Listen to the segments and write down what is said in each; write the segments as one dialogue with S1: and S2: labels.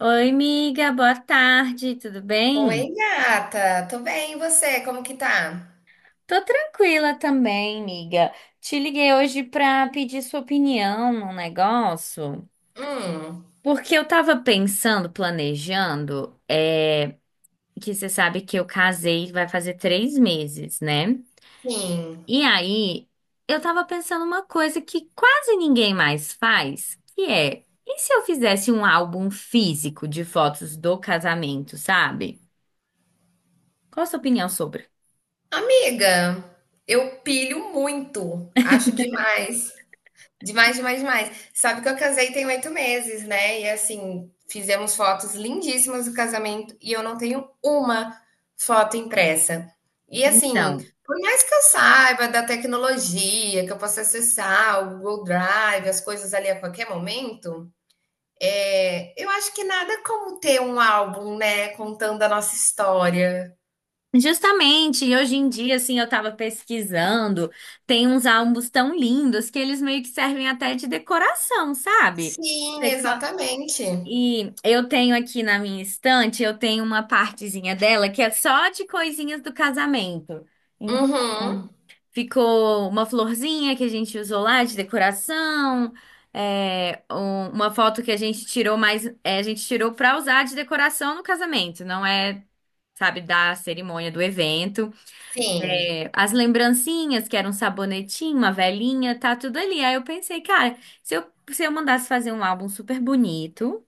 S1: Oi, amiga. Boa tarde, tudo bem?
S2: Oi, gata. Tô bem, e você? Como que tá?
S1: Tô tranquila também, amiga. Te liguei hoje pra pedir sua opinião num negócio,
S2: Hum,
S1: porque eu tava pensando, planejando, que você sabe que eu casei, vai fazer 3 meses, né?
S2: sim.
S1: E aí, eu tava pensando uma coisa que quase ninguém mais faz, que é, e se eu fizesse um álbum físico de fotos do casamento, sabe? Qual a sua opinião sobre?
S2: Amiga, eu pilho muito. Acho demais. Demais, demais, demais. Sabe que eu casei tem 8 meses, né? E assim, fizemos fotos lindíssimas do casamento e eu não tenho uma foto impressa. E assim,
S1: Então.
S2: por mais que eu saiba da tecnologia, que eu possa acessar o Google Drive, as coisas ali a qualquer momento. É, eu acho que nada como ter um álbum, né, contando a nossa história.
S1: Justamente, e hoje em dia, assim, eu tava pesquisando, tem uns álbuns tão lindos que eles meio que servem até de decoração, sabe?
S2: Sim,
S1: Você co-
S2: exatamente.
S1: E eu tenho aqui na minha estante, eu tenho uma partezinha dela que é só de coisinhas do casamento.
S2: Uhum.
S1: Então, ficou uma florzinha que a gente usou lá de decoração, uma foto que a gente tirou mas a gente tirou pra usar de decoração no casamento, não é, sabe, da cerimônia do evento.
S2: Sim.
S1: É, as lembrancinhas, que era um sabonetinho, uma velinha, tá tudo ali. Aí eu pensei, cara, se eu mandasse fazer um álbum super bonito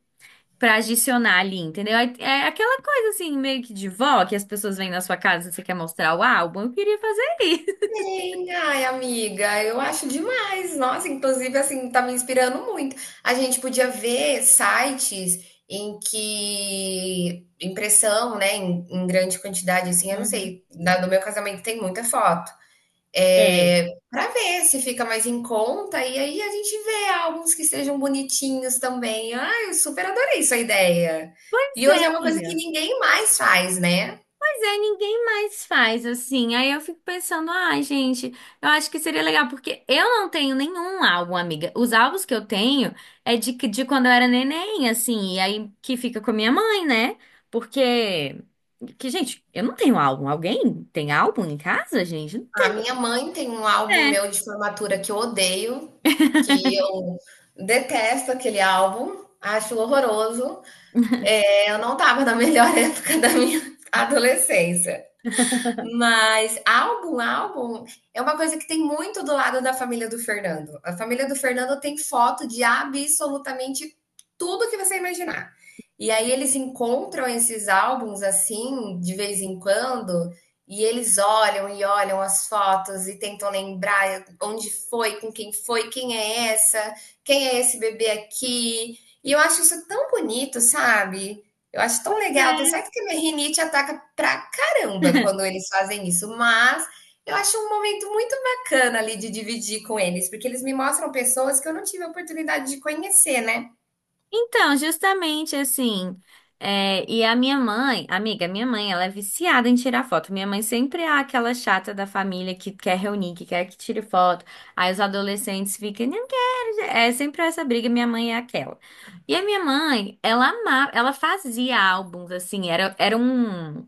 S1: pra adicionar ali, entendeu? Aí, aquela coisa assim, meio que de vó, que as pessoas vêm na sua casa e você quer mostrar o álbum. Eu queria fazer isso.
S2: Sim, ai, amiga, eu acho demais. Nossa, inclusive, assim, tá me inspirando muito. A gente podia ver sites em que impressão, né, em grande quantidade, assim, eu não
S1: Uhum.
S2: sei, no meu casamento tem muita foto.
S1: É.
S2: É, para ver se fica mais em conta, e aí a gente vê álbuns que sejam bonitinhos também. Ah, eu super adorei sua ideia.
S1: Pois
S2: E hoje
S1: é,
S2: é uma coisa que
S1: amiga.
S2: ninguém mais faz, né?
S1: Ninguém mais faz assim. Aí eu fico pensando, ah, gente, eu acho que seria legal, porque eu não tenho nenhum álbum, amiga. Os álbuns que eu tenho de quando eu era neném, assim, e aí que fica com a minha mãe, né? Porque, que, gente, eu não tenho álbum. Alguém tem álbum em casa, gente? Não
S2: A minha mãe tem um álbum
S1: tem,
S2: meu de formatura que eu odeio, que eu detesto aquele álbum, acho horroroso.
S1: né?
S2: É, eu não estava na melhor época da minha adolescência. Mas álbum, álbum é uma coisa que tem muito do lado da família do Fernando. A família do Fernando tem foto de absolutamente tudo que você imaginar. E aí eles encontram esses álbuns assim, de vez em quando, e eles olham e olham as fotos e tentam lembrar onde foi, com quem foi, quem é essa, quem é esse bebê aqui. E eu acho isso tão bonito, sabe? Eu acho tão legal, tenho certeza que a minha rinite ataca pra caramba quando
S1: É.
S2: eles fazem isso, mas eu acho um momento muito bacana ali de dividir com eles, porque eles me mostram pessoas que eu não tive a oportunidade de conhecer, né.
S1: Então, justamente assim, e a minha mãe, amiga, minha mãe, ela é viciada em tirar foto. Minha mãe sempre é aquela chata da família que quer reunir, que quer que tire foto. Aí os adolescentes ficam, não quero. É sempre essa briga, minha mãe é aquela. E a minha mãe, ela amava, ela fazia álbuns, assim, era, era um,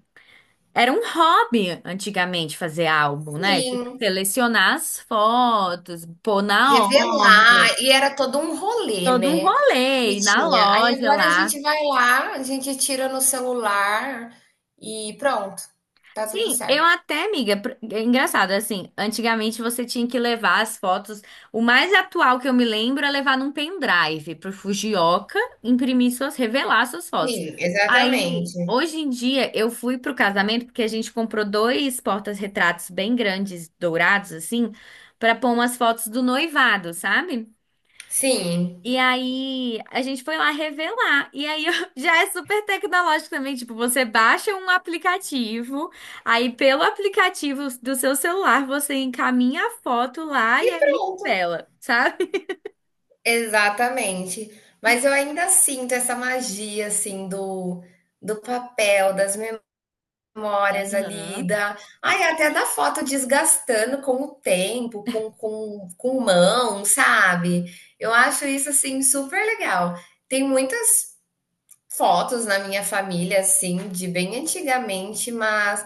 S1: era um hobby antigamente fazer álbum, né? Tipo,
S2: Sim,
S1: selecionar as fotos, pôr na
S2: revelar,
S1: ordem.
S2: e era todo um rolê,
S1: Todo um
S2: né,
S1: rolê,
S2: que
S1: ir na
S2: tinha. Aí
S1: loja
S2: agora a
S1: lá.
S2: gente vai lá, a gente tira no celular e pronto, tá tudo
S1: Sim, eu
S2: certo.
S1: até, amiga, é engraçado, assim, antigamente você tinha que levar as fotos, o mais atual que eu me lembro é levar num pendrive pro Fujioka imprimir suas, revelar suas fotos.
S2: Sim,
S1: Aí,
S2: exatamente.
S1: hoje em dia, eu fui pro casamento porque a gente comprou dois portas-retratos bem grandes, dourados, assim, pra pôr umas fotos do noivado, sabe?
S2: Sim,
S1: E aí, a gente foi lá revelar. E aí, já é super tecnológico também. Tipo, você baixa um aplicativo, aí pelo aplicativo do seu celular, você encaminha a foto lá
S2: e
S1: e aí ele
S2: pronto.
S1: revela, sabe?
S2: Exatamente. Mas eu ainda sinto essa magia, assim, do papel, das memórias ali,
S1: Aham.
S2: da ai, até da foto desgastando com o tempo, com com mão, sabe. Eu acho isso, assim, super legal. Tem muitas fotos na minha família, assim, de bem antigamente, mas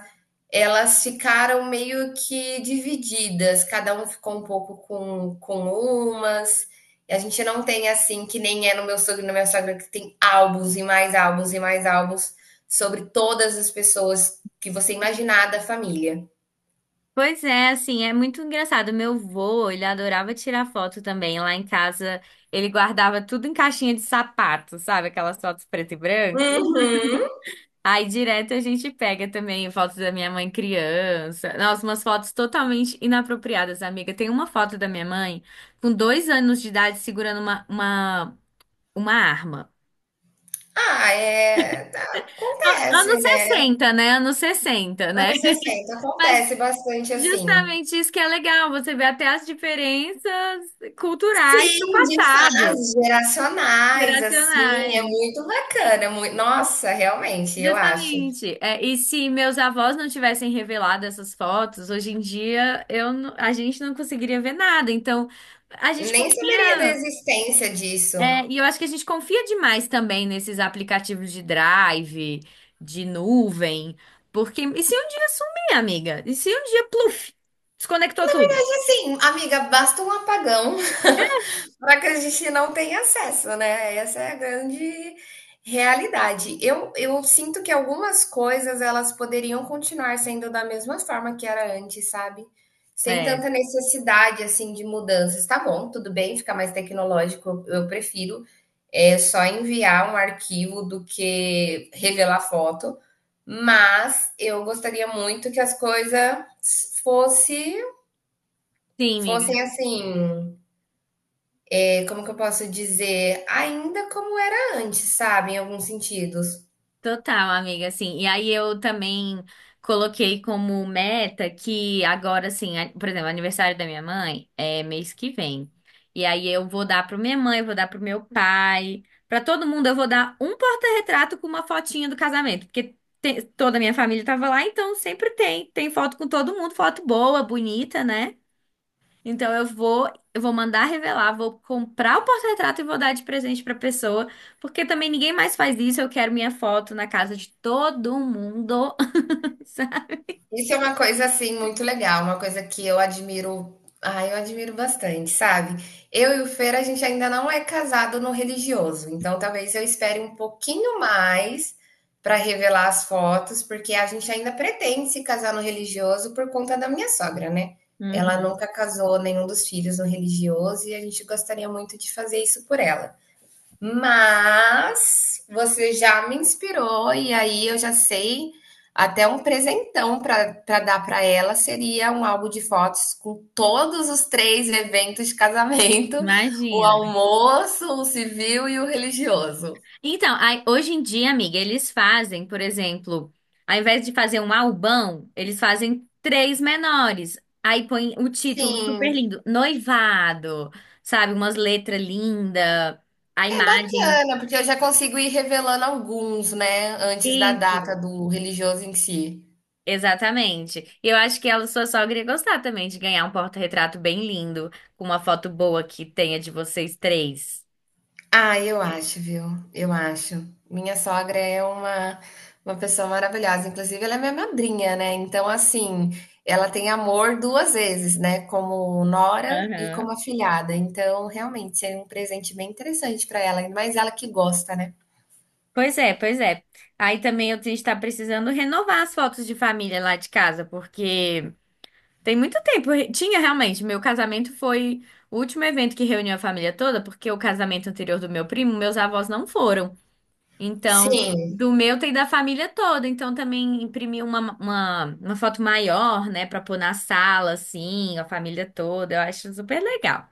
S2: elas ficaram meio que divididas, cada um ficou um pouco com umas. E a gente não tem assim, que nem é no meu sogro e na minha sogra, que tem álbuns e mais álbuns e mais álbuns sobre todas as pessoas que você imaginar da família.
S1: Pois é, assim, é muito engraçado. Meu vô, ele adorava tirar foto também. Lá em casa, ele guardava tudo em caixinha de sapato, sabe? Aquelas fotos preto e branco.
S2: Uhum.
S1: Aí direto a gente pega também fotos da minha mãe criança. Nossa, umas fotos totalmente inapropriadas, amiga. Tem uma foto da minha mãe com 2 anos de idade segurando uma arma.
S2: Ah, é. Acontece,
S1: Anos
S2: né?
S1: 60, né? Anos 60, né?
S2: Anos 60,
S1: Mas
S2: acontece bastante assim.
S1: justamente isso que é legal, você vê até as diferenças culturais do
S2: Sim, de
S1: passado,
S2: fases geracionais, assim, é
S1: geracionais.
S2: muito bacana, mui nossa, realmente, eu acho.
S1: Justamente. É, e se meus avós não tivessem revelado essas fotos, hoje em dia eu, a gente não conseguiria ver nada. Então, a gente
S2: Nem saberia da
S1: confia.
S2: existência disso.
S1: E eu acho que a gente confia demais também nesses aplicativos de drive, de nuvem. Porque. E se um dia sumir, amiga? E se um dia, pluf, desconectou tudo?
S2: E assim, amiga, basta um apagão para que a gente não tenha acesso, né? Essa é a grande realidade. Eu sinto que algumas coisas elas poderiam continuar sendo da mesma forma que era antes, sabe? Sem
S1: É.
S2: tanta necessidade assim de mudanças. Tá bom, tudo bem, fica mais tecnológico. Eu prefiro é só enviar um arquivo do que revelar foto, mas eu gostaria muito que as coisas fosse
S1: Sim,
S2: fossem
S1: amiga.
S2: assim é, como que eu posso dizer, ainda como era antes, sabe? Em alguns sentidos.
S1: Total, amiga, assim. E aí eu também coloquei como meta que agora, assim, por exemplo, o aniversário da minha mãe é mês que vem. E aí eu vou dar para minha mãe, eu vou dar pro meu pai, para todo mundo eu vou dar um porta-retrato com uma fotinha do casamento, porque toda a minha família tava lá, então sempre tem, tem foto com todo mundo, foto boa, bonita, né? Então eu vou mandar revelar, vou comprar o porta-retrato e vou dar de presente pra pessoa, porque também ninguém mais faz isso. Eu quero minha foto na casa de todo mundo. sabe?
S2: Isso é uma coisa assim muito legal, uma coisa que eu admiro, ah, eu admiro bastante, sabe? Eu e o Fer, a gente ainda não é casado no religioso, então talvez eu espere um pouquinho mais para revelar as fotos, porque a gente ainda pretende se casar no religioso por conta da minha sogra, né? Ela
S1: Uhum.
S2: nunca casou nenhum dos filhos no religioso e a gente gostaria muito de fazer isso por ela. Mas você já me inspirou e aí eu já sei até um presentão para dar para ela seria um álbum de fotos com todos os três eventos de casamento, o
S1: Imagina.
S2: almoço, o civil e o religioso.
S1: Então, aí, hoje em dia, amiga, eles fazem, por exemplo, ao invés de fazer um albão, eles fazem três menores. Aí põe o título super
S2: Sim,
S1: lindo, noivado, sabe? Umas letras lindas, a
S2: é
S1: imagem.
S2: bacana, porque eu já consigo ir revelando alguns, né, antes da data
S1: Isso.
S2: do religioso em si.
S1: Exatamente. E eu acho que ela, sua sogra, ia gostar também de ganhar um porta-retrato bem lindo, com uma foto boa que tenha de vocês três.
S2: Ah, eu acho, viu? Eu acho. Minha sogra é uma pessoa maravilhosa. Inclusive, ela é minha madrinha, né? Então, assim, ela tem amor 2 vezes, né? Como nora e como
S1: Aham.
S2: afilhada. Então, realmente, seria um presente bem interessante para ela, ainda mais ela que gosta, né?
S1: Pois é, pois é. Aí também eu a gente tá precisando renovar as fotos de família lá de casa, porque tem muito tempo. Tinha realmente, meu casamento foi o último evento que reuniu a família toda, porque o casamento anterior do meu primo, meus avós não foram. Então,
S2: Sim,
S1: do meu tem da família toda. Então, também imprimi uma foto maior, né, pra pôr na sala, assim, a família toda. Eu acho super legal.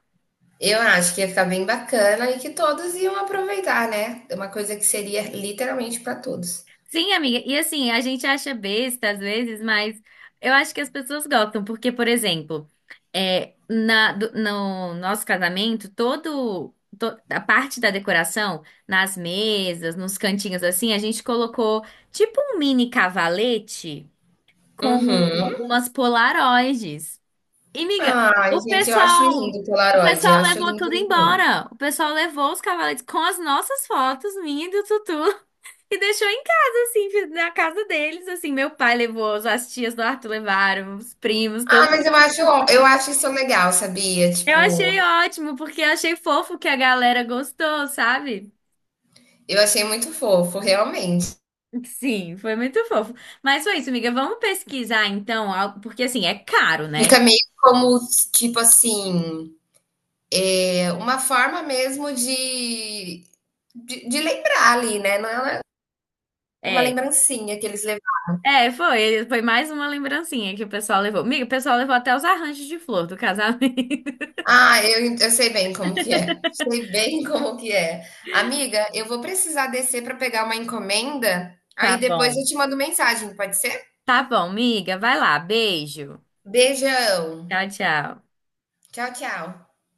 S2: eu acho que ia ficar bem bacana e que todos iam aproveitar, né? Uma coisa que seria literalmente para todos.
S1: Sim, amiga. E assim, a gente acha besta às vezes, mas eu acho que as pessoas gostam, porque, por exemplo, no nosso casamento, a parte da decoração, nas mesas, nos cantinhos assim, a gente colocou tipo um mini cavalete com
S2: Uhum.
S1: umas polaroides. E, miga,
S2: Ai,
S1: o
S2: gente, eu acho
S1: pessoal,
S2: lindo o
S1: o
S2: Polaroid. Eu
S1: pessoal
S2: acho
S1: levou
S2: lindo,
S1: tudo
S2: lindo, lindo.
S1: embora. O pessoal levou os cavaletes com as nossas fotos, minha e do Tutu, e deixou em casa, assim, na casa deles, assim. Meu pai levou, as tias do Arthur levaram, os primos, todo.
S2: Ah, mas eu acho isso legal, sabia?
S1: Eu
S2: Tipo,
S1: achei ótimo, porque eu achei fofo que a galera gostou, sabe?
S2: eu achei muito fofo, realmente.
S1: Sim, foi muito fofo. Mas foi isso, amiga. Vamos pesquisar então, porque assim, é caro, né?
S2: Fica meio como, tipo assim, é uma forma mesmo de, de lembrar ali, né? Não é uma
S1: É,
S2: lembrancinha que eles levaram.
S1: É, foi. Foi mais uma lembrancinha que o pessoal levou. Miga, o pessoal levou até os arranjos de flor do casamento.
S2: Ah, eu sei bem como que é. Sei bem como que é. Amiga, eu vou precisar descer para pegar uma encomenda,
S1: Tá
S2: aí depois eu
S1: bom.
S2: te mando mensagem, pode ser?
S1: Tá bom, miga. Vai lá. Beijo.
S2: Beijão.
S1: Tchau, tchau.
S2: Tchau, tchau.